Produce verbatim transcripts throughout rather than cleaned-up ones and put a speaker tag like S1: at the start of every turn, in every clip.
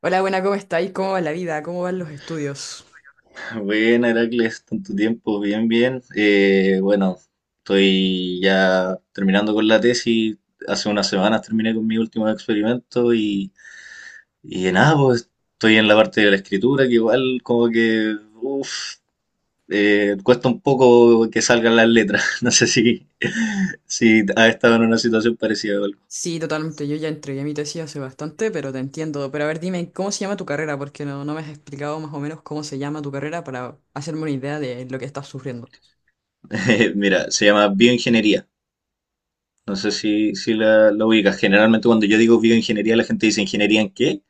S1: Hola, buena, ¿cómo estáis? ¿Cómo va la vida? ¿Cómo van los estudios?
S2: Buena, Heracles, tanto tiempo, bien, bien. Eh, bueno, estoy ya terminando con la tesis. Hace unas semanas terminé con mi último experimento y, y nada, pues estoy en la parte de la escritura, que igual como que, uff, cuesta un poco que salgan las letras. No sé si, si has estado en una situación parecida o algo.
S1: Sí, totalmente. Yo ya entregué mi tesis hace bastante, pero te entiendo. Pero a ver, dime, ¿cómo se llama tu carrera? Porque no, no me has explicado más o menos cómo se llama tu carrera para hacerme una idea de lo que estás sufriendo.
S2: Mira, se llama bioingeniería. No sé si, si, la, la ubicas. Generalmente cuando yo digo bioingeniería, la gente dice, ¿ingeniería en qué?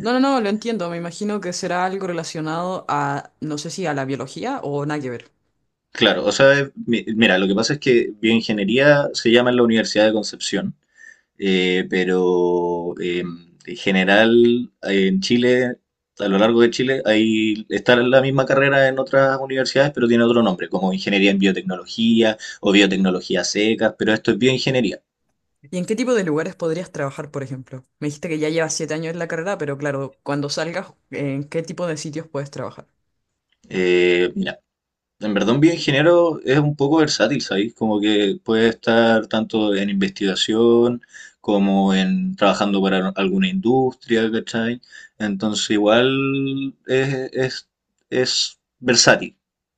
S1: No, no, no, lo entiendo. Me imagino que será algo relacionado a, no sé si a la biología o nada que ver.
S2: Claro, o sea, es- mi- mira, lo que pasa es que bioingeniería se llama en la Universidad de Concepción, eh, pero eh, en general eh, en Chile, a lo largo de Chile, ahí está la misma carrera en otras universidades, pero tiene otro nombre, como ingeniería en biotecnología o biotecnología secas, pero esto es bioingeniería.
S1: ¿Y en qué tipo de lugares podrías trabajar, por ejemplo? Me dijiste que ya llevas siete años en la carrera, pero claro, cuando salgas, ¿en qué tipo de sitios puedes trabajar?
S2: Eh, mira, en verdad, un bioingeniero es un poco versátil, ¿sabes? Como que puede estar tanto en investigación como en trabajando para alguna industria, ¿cachai? Entonces, igual es, es, es versátil.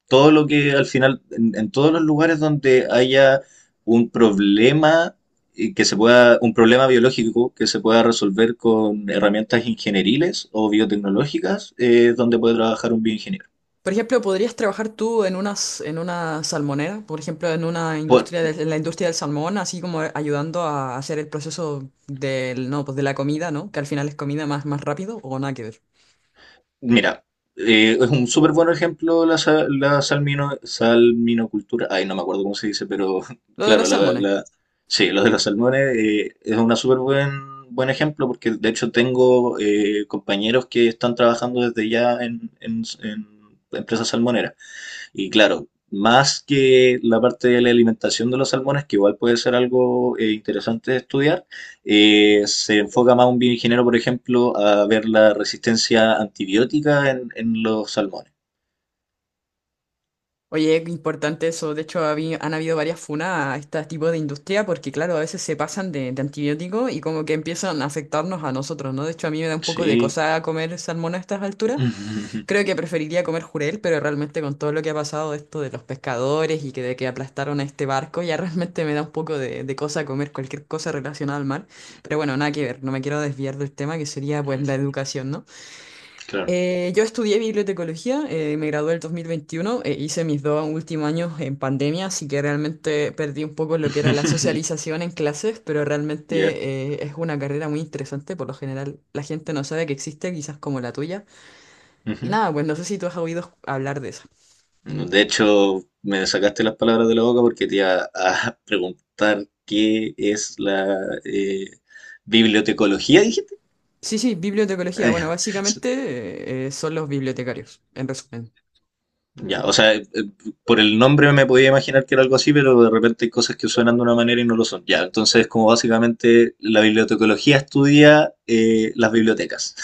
S2: Todo lo que al final, en, en todos los lugares donde haya un problema y que se pueda, un problema biológico que se pueda resolver con herramientas ingenieriles o biotecnológicas, eh, es donde puede trabajar un bioingeniero.
S1: Por ejemplo, ¿podrías trabajar tú en unas, en una salmonera? Por ejemplo, en una
S2: Por,
S1: industria del- en la industria del salmón, así como ayudando a hacer el proceso del, no, pues de la comida, ¿no? Que al final es comida más, más rápido o nada que ver.
S2: Mira, eh, es un súper buen ejemplo la, sa- la salmino, salminocultura. Ay, no me acuerdo cómo se dice, pero
S1: Lo de
S2: claro,
S1: los
S2: la,
S1: salmones.
S2: la- sí, lo de los salmones eh, es un súper buen, buen ejemplo porque de hecho tengo eh, compañeros que están trabajando desde ya en, en- en empresas salmoneras. Y claro, más que la parte de la alimentación de los salmones, que igual puede ser algo eh, interesante de estudiar, eh, se enfoca más un bioingeniero, por ejemplo, a ver la resistencia antibiótica en, en los salmones.
S1: Oye, qué importante eso. De hecho, habi- han habido varias funas a este tipo de industria porque, claro, a veces se pasan de, de antibióticos y como que empiezan a afectarnos a nosotros, ¿no? De hecho, a mí me da un poco de
S2: Sí.
S1: cosa comer salmón a estas alturas. Creo que preferiría comer jurel, pero realmente con todo lo que ha pasado esto de los pescadores y que de que aplastaron a este barco, ya realmente me da un poco de, de cosa comer cualquier cosa relacionada al mar. Pero bueno, nada que ver, no me quiero desviar del tema que sería pues la educación, ¿no?
S2: Claro.
S1: Eh, yo estudié bibliotecología, eh, me gradué el dos mil veintiuno, eh, hice mis dos últimos años en pandemia, así que realmente perdí un poco lo que era la socialización en clases, pero
S2: Ya.
S1: realmente eh, es una carrera muy interesante. Por lo general, la gente no sabe que existe, quizás como la tuya. Y
S2: Ujú.
S1: nada, pues no sé si tú has oído hablar de eso.
S2: De hecho, me sacaste las palabras de la boca porque te iba a preguntar qué es la eh, bibliotecología, dijiste.
S1: Sí, sí, bibliotecología. Bueno, básicamente eh, eh, son los bibliotecarios, en resumen.
S2: Ya, o sea, eh, por el nombre me podía imaginar que era algo así, pero de repente hay cosas que suenan de una manera y no lo son. Ya, entonces como básicamente la bibliotecología estudia eh, las bibliotecas.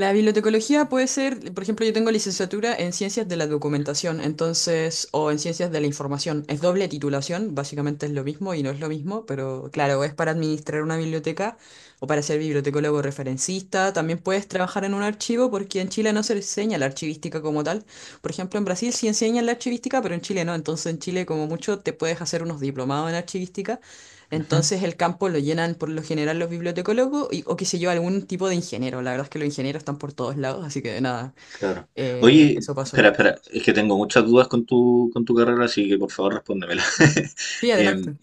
S1: La bibliotecología puede ser, por ejemplo, yo tengo licenciatura en ciencias de la documentación, entonces, o en ciencias de la información. Es doble titulación, básicamente es lo mismo y no es lo mismo, pero claro, es para administrar una biblioteca o para ser bibliotecólogo referencista. También puedes trabajar en un archivo porque en Chile no se enseña la archivística como tal. Por ejemplo, en Brasil sí enseñan la archivística, pero en Chile no. Entonces, en Chile, como mucho, te puedes hacer unos diplomados en archivística.
S2: Ujú.
S1: Entonces, el campo lo llenan por lo general los bibliotecólogos y- o qué sé yo, algún tipo de ingeniero. La verdad es que los ingenieros están por todos lados, así que nada,
S2: Claro.
S1: eh,
S2: Oye,
S1: eso pasó.
S2: espera, espera, es que tengo muchas dudas con tu, con tu carrera, así que por favor respóndemela.
S1: Sí,
S2: Em,
S1: adelante.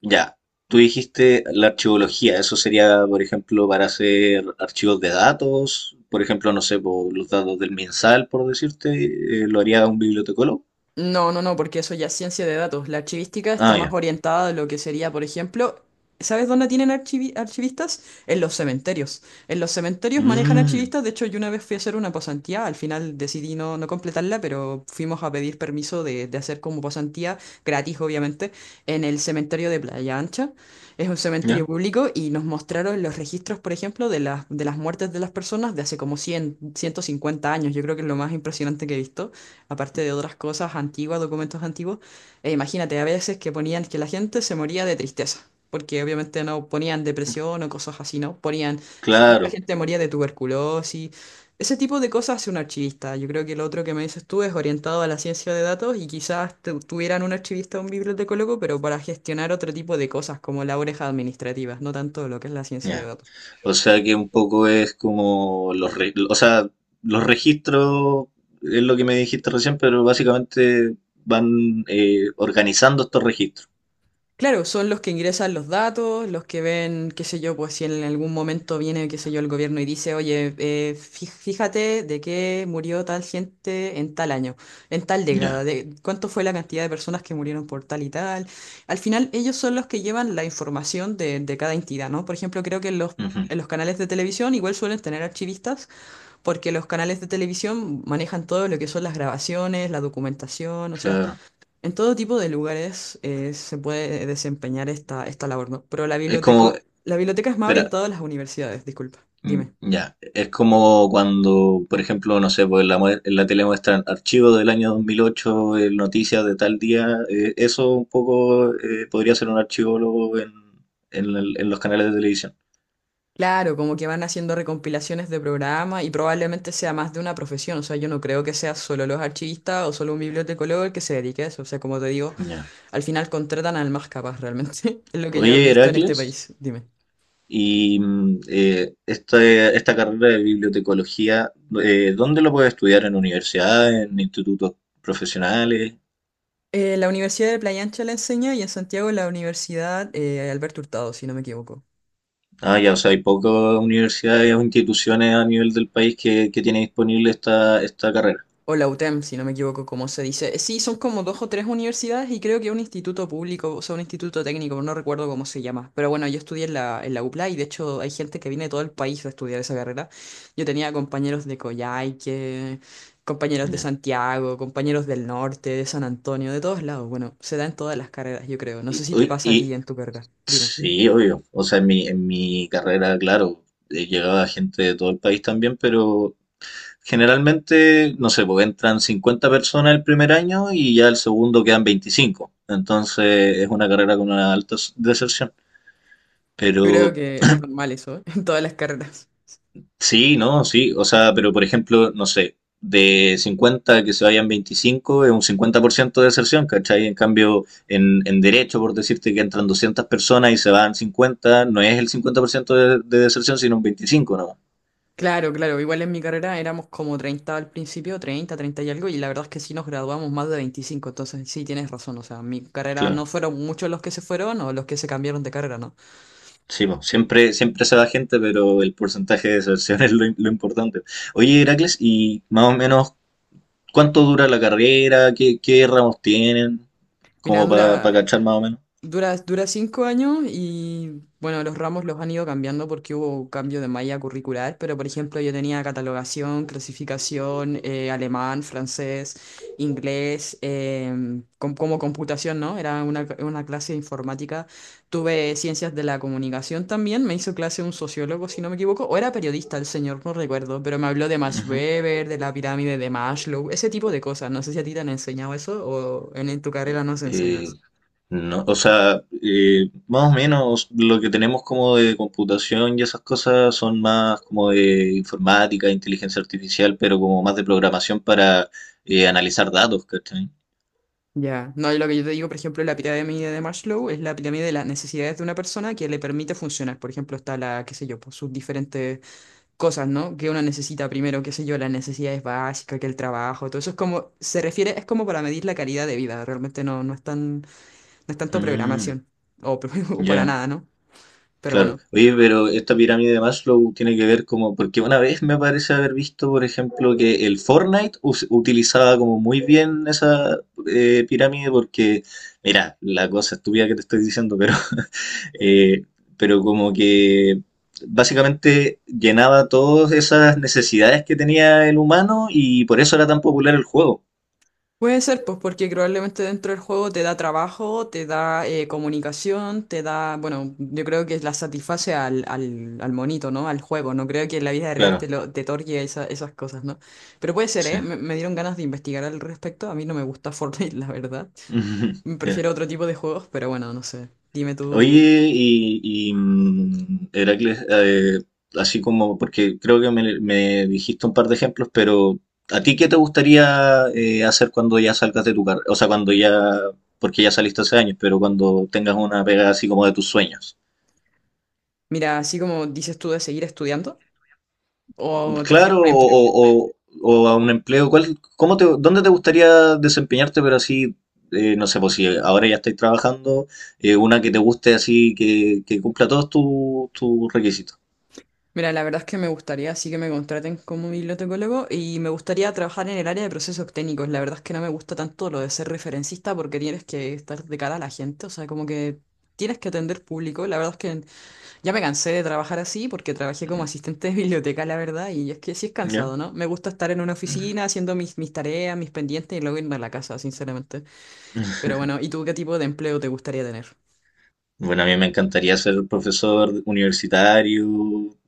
S2: ya, tú dijiste la archivología, eso sería, por ejemplo, para hacer archivos de datos, por ejemplo, no sé, por los datos del MinSal, por decirte, eh, lo haría un bibliotecólogo.
S1: No, no, no, porque eso ya es ciencia de datos. La archivística está
S2: Ah,
S1: más
S2: ya.
S1: orientada a lo que sería, por ejemplo, ¿sabes dónde tienen archivi- archivistas? En los cementerios. En los cementerios manejan
S2: Mm,
S1: archivistas. De hecho, yo una vez fui a hacer una pasantía, al final decidí no, no completarla, pero fuimos a pedir permiso de, de hacer como pasantía, gratis obviamente, en el cementerio de Playa Ancha. Es un cementerio
S2: ya,
S1: público y nos mostraron los registros, por ejemplo, de las, de las muertes de las personas de hace como cien ciento cincuenta años. Yo creo que es lo más impresionante que he visto aparte de otras cosas antiguas, documentos antiguos. E imagínate, a veces que ponían que la gente se moría de tristeza, porque obviamente no ponían depresión o cosas así, ¿no? Ponían, ge- mucha
S2: claro,
S1: gente moría de tuberculosis. Ese tipo de cosas hace un archivista. Yo creo que lo otro que me dices tú es orientado a la ciencia de datos y quizás tu- tuvieran un archivista o un bibliotecólogo, pero para gestionar otro tipo de cosas como labores administrativas, no tanto lo que es la ciencia de
S2: ya.
S1: datos.
S2: O sea que un poco es como los, re- o sea, los registros, es lo que me dijiste recién, pero básicamente van eh, organizando estos registros.
S1: Claro, son los que ingresan los datos, los que ven, qué sé yo, pues si en algún momento viene, qué sé yo, el gobierno y dice, oye, eh, fí- fíjate de qué murió tal gente en tal año, en tal década,
S2: Ya,
S1: de cuánto fue la cantidad de personas que murieron por tal y tal. Al final, ellos son los que llevan la información de, de cada entidad, ¿no? Por ejemplo, creo que los,
S2: ujú,
S1: en los canales de televisión igual suelen tener archivistas, porque los canales de televisión manejan todo lo que son las grabaciones, la documentación, o sea...
S2: claro.
S1: En todo tipo de lugares eh, se puede desempeñar esta, esta labor, ¿no? Pero la
S2: Es
S1: biblioteca,
S2: como,
S1: la biblioteca es más
S2: espera,
S1: orientada a las universidades, disculpa,
S2: mm,
S1: dime.
S2: ya, es como cuando, por ejemplo, no sé, pues en la, mue- en la tele muestran archivos del año dos mil ocho eh, noticias de tal día, eh, eso un poco eh, podría ser un archivólogo en, en el- en los canales de televisión.
S1: Claro, como que van haciendo recompilaciones de programa y probablemente sea más de una profesión, o sea, yo no creo que sea solo los archivistas o solo un bibliotecólogo el que se dedique a eso, o sea, como te digo,
S2: Ya.
S1: al final contratan al más capaz realmente, es lo que yo he
S2: Oye,
S1: visto en este
S2: Heracles,
S1: país, dime.
S2: y mm, eh, este- esta carrera de bibliotecología, eh, ¿dónde lo puedes estudiar? ¿En universidades, en institutos profesionales?
S1: Eh, la Universidad de Playa Ancha la enseña y en Santiago la Universidad eh, Alberto Hurtado, si no me equivoco.
S2: Ah, ya, o sea, hay pocas universidades o instituciones a nivel del país que, que tiene disponible esta, esta carrera.
S1: O la UTEM, si no me equivoco, como se dice. Eh, Sí, son como dos o tres universidades y creo que un instituto público, o sea, un instituto técnico, no recuerdo cómo se llama. Pero bueno, yo estudié en la, en la UPLA y de hecho hay gente que viene de todo el país a estudiar esa carrera. Yo tenía compañeros de Coyhaique, compañeros de
S2: Ya.
S1: Santiago, compañeros del norte, de San Antonio, de todos lados. Bueno, se da en todas las carreras, yo creo. No sé
S2: Y,
S1: si te
S2: uy,
S1: pasa a ti
S2: y-
S1: en tu carrera. Dime.
S2: sí, obvio. O sea, en mi, en mi carrera, claro, eh, llegaba gente de todo el país también, pero generalmente, no sé, pues entran cincuenta personas el primer año y ya el segundo quedan veinticinco. Entonces es una carrera con una alta s- deserción.
S1: Yo creo
S2: Pero
S1: que es normal eso, ¿eh? En todas las carreras.
S2: sí, no, sí. O sea, pero por ejemplo, no sé, de cincuenta que se vayan veinticinco es un cincuenta por ciento de deserción, ¿cachai? En cambio, en, en derecho, por decirte que entran doscientas personas y se van cincuenta no es el cincuenta por ciento de, de deserción, sino un veinticinco, ¿no?
S1: Claro, claro. Igual en mi carrera éramos como treinta al principio, treinta, treinta y algo, y la verdad es que sí nos graduamos más de veinticinco. Entonces, sí tienes razón. O sea, en mi carrera
S2: Claro.
S1: no fueron muchos los que se fueron o los que se cambiaron de carrera, ¿no?
S2: Sí, po, siempre, siempre se da gente, pero el porcentaje de deserción es lo, im- lo importante. Oye, Heracles, ¿y más o menos cuánto dura la carrera? ¿Qué, ¿qué ramos tienen?
S1: Mira,
S2: Como para
S1: dura
S2: cachar más o menos.
S1: dura, dura cinco años y bueno, los ramos los han ido cambiando porque hubo cambio de malla curricular, pero por ejemplo yo tenía catalogación, clasificación, eh, alemán, francés, inglés, em, com- como computación, ¿no? Era una, una clase de informática. Tuve ciencias de la comunicación también, me hizo clase un sociólogo, si no me equivoco, o era periodista el señor, no recuerdo, pero me habló de Max
S2: Ujú.
S1: Weber, de la pirámide de Maslow, ese tipo de cosas. No sé si a ti te han enseñado eso o en, en tu carrera nos
S2: Eh,
S1: enseñas.
S2: no, o sea, eh, más o menos lo que tenemos como de computación y esas cosas son más como de informática, inteligencia artificial, pero como más de programación para eh, analizar datos, ¿cachai?
S1: Ya, no, y lo que yo te digo, por ejemplo, la pirámide de Maslow es la pirámide de las necesidades de una persona que le permite funcionar. Por ejemplo, está la, qué sé yo, pues sus diferentes cosas, ¿no? Que uno necesita primero, qué sé yo, las necesidades básicas, que el trabajo, todo eso es como, se refiere, es como para medir la calidad de vida, realmente no, no es tan, no es tanto
S2: Mm,
S1: programación, o, o para
S2: ya.
S1: nada, ¿no? Pero
S2: Claro.
S1: bueno.
S2: Oye, pero esta pirámide de Maslow tiene que ver como, porque una vez me parece haber visto, por ejemplo, que el Fortnite us- utilizaba como muy bien esa eh, pirámide porque, mira, la cosa estúpida que te estoy diciendo, pero, eh, pero como que básicamente llenaba todas esas necesidades que tenía el humano y por eso era tan popular el juego.
S1: Puede ser, pues porque probablemente dentro del juego te da trabajo, te da eh, comunicación, te da, bueno, yo creo que la satisface al, al, al monito, ¿no? Al juego, no creo que en la vida real
S2: Claro,
S1: te, lo, te otorgue esa- esas cosas, ¿no? Pero puede ser,
S2: sí.
S1: ¿eh? Me, me dieron ganas de investigar al respecto, a mí no me gusta Fortnite, la verdad.
S2: Ya.
S1: Prefiero otro tipo de juegos, pero bueno, no sé. Dime tú,
S2: Oye, y, y, mm, Heracles, eh, así como, porque creo que me, me dijiste un par de ejemplos, pero ¿a ti qué te gustaría eh, hacer cuando ya salgas de tu carrera? O sea, cuando ya, porque ya saliste hace años, pero cuando tengas una pega así como de tus sueños.
S1: mira, así como dices tú de seguir estudiando, ¿o te
S2: Claro,
S1: refieres a
S2: o,
S1: empleo?
S2: o- o- o a un empleo, ¿cuál, cómo te, dónde te gustaría desempeñarte, pero así, eh, no sé, pues si ahora ya estáis trabajando, eh, una que te guste así, que, que cumpla todos tus tus requisitos?
S1: Mira, la verdad es que me gustaría, sí que me contraten como bibliotecólogo y me gustaría trabajar en el área de procesos técnicos. La verdad es que no me gusta tanto lo de ser referencista porque tienes que estar de cara a la gente, o sea, como que tienes que atender público. La verdad es que ya me cansé de trabajar así porque trabajé como
S2: Mm,
S1: asistente de biblioteca, la verdad, y es que sí es
S2: ¿Ya?
S1: cansado, ¿no? Me gusta estar en una
S2: Mm.
S1: oficina haciendo mis, mis tareas, mis pendientes y luego irme a la casa, sinceramente. Pero bueno, ¿y tú qué tipo de empleo te gustaría tener?
S2: Bueno, a mí me encantaría ser profesor universitario,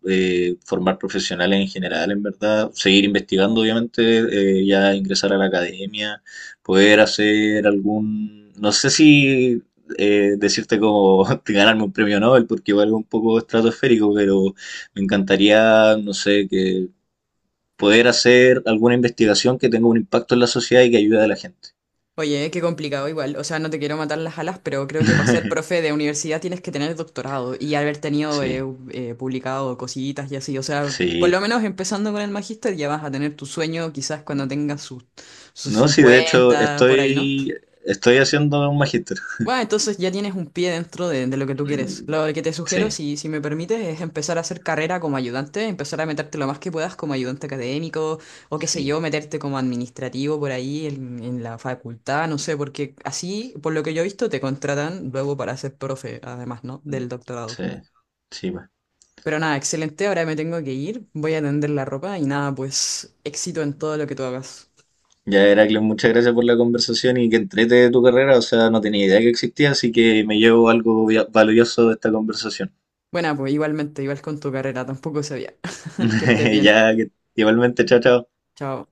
S2: eh, formar profesionales en general, en verdad, seguir investigando, obviamente, eh, ya ingresar a la academia, poder hacer algún, no sé si eh, decirte como ganarme un premio Nobel, porque igual es un poco estratosférico, pero me encantaría, no sé, que poder hacer alguna investigación que tenga un impacto en la sociedad y que ayude a la gente.
S1: Oye, qué complicado igual. O sea, no te quiero matar las alas, pero creo que para ser profe de universidad tienes que tener doctorado y haber tenido eh,
S2: Sí,
S1: eh, publicado cositas y así. O sea, por lo
S2: sí.
S1: menos empezando con el magíster ya vas a tener tu sueño quizás cuando tengas sus, sus
S2: No, sí, de hecho,
S1: cincuenta por ahí, ¿no?
S2: estoy, estoy haciendo un magíster.
S1: Bueno, entonces ya tienes un pie dentro de, de lo que tú quieres.
S2: Mm,
S1: Lo que te sugiero,
S2: sí,
S1: si, si me permites, es empezar a hacer carrera como ayudante, empezar a meterte lo más que puedas como ayudante académico o qué sé
S2: sí,
S1: yo, meterte como administrativo por ahí en, en la facultad, no sé, porque así, por lo que yo he visto, te contratan luego para ser profe, además, ¿no?
S2: mm,
S1: Del doctorado.
S2: sí, sí, va.
S1: Pero nada, excelente, ahora me tengo que ir, voy a tender la ropa y nada, pues éxito en todo lo que tú hagas.
S2: Ya, Heracles, muchas gracias por la conversación y que entrete de tu carrera. O sea, no tenía idea que existía, así que me llevo algo via- valioso de esta conversación.
S1: Bueno, pues igualmente, igual con tu carrera, tampoco sabía. Que estés bien.
S2: Ya, que- igualmente, chao, chao.
S1: Chao.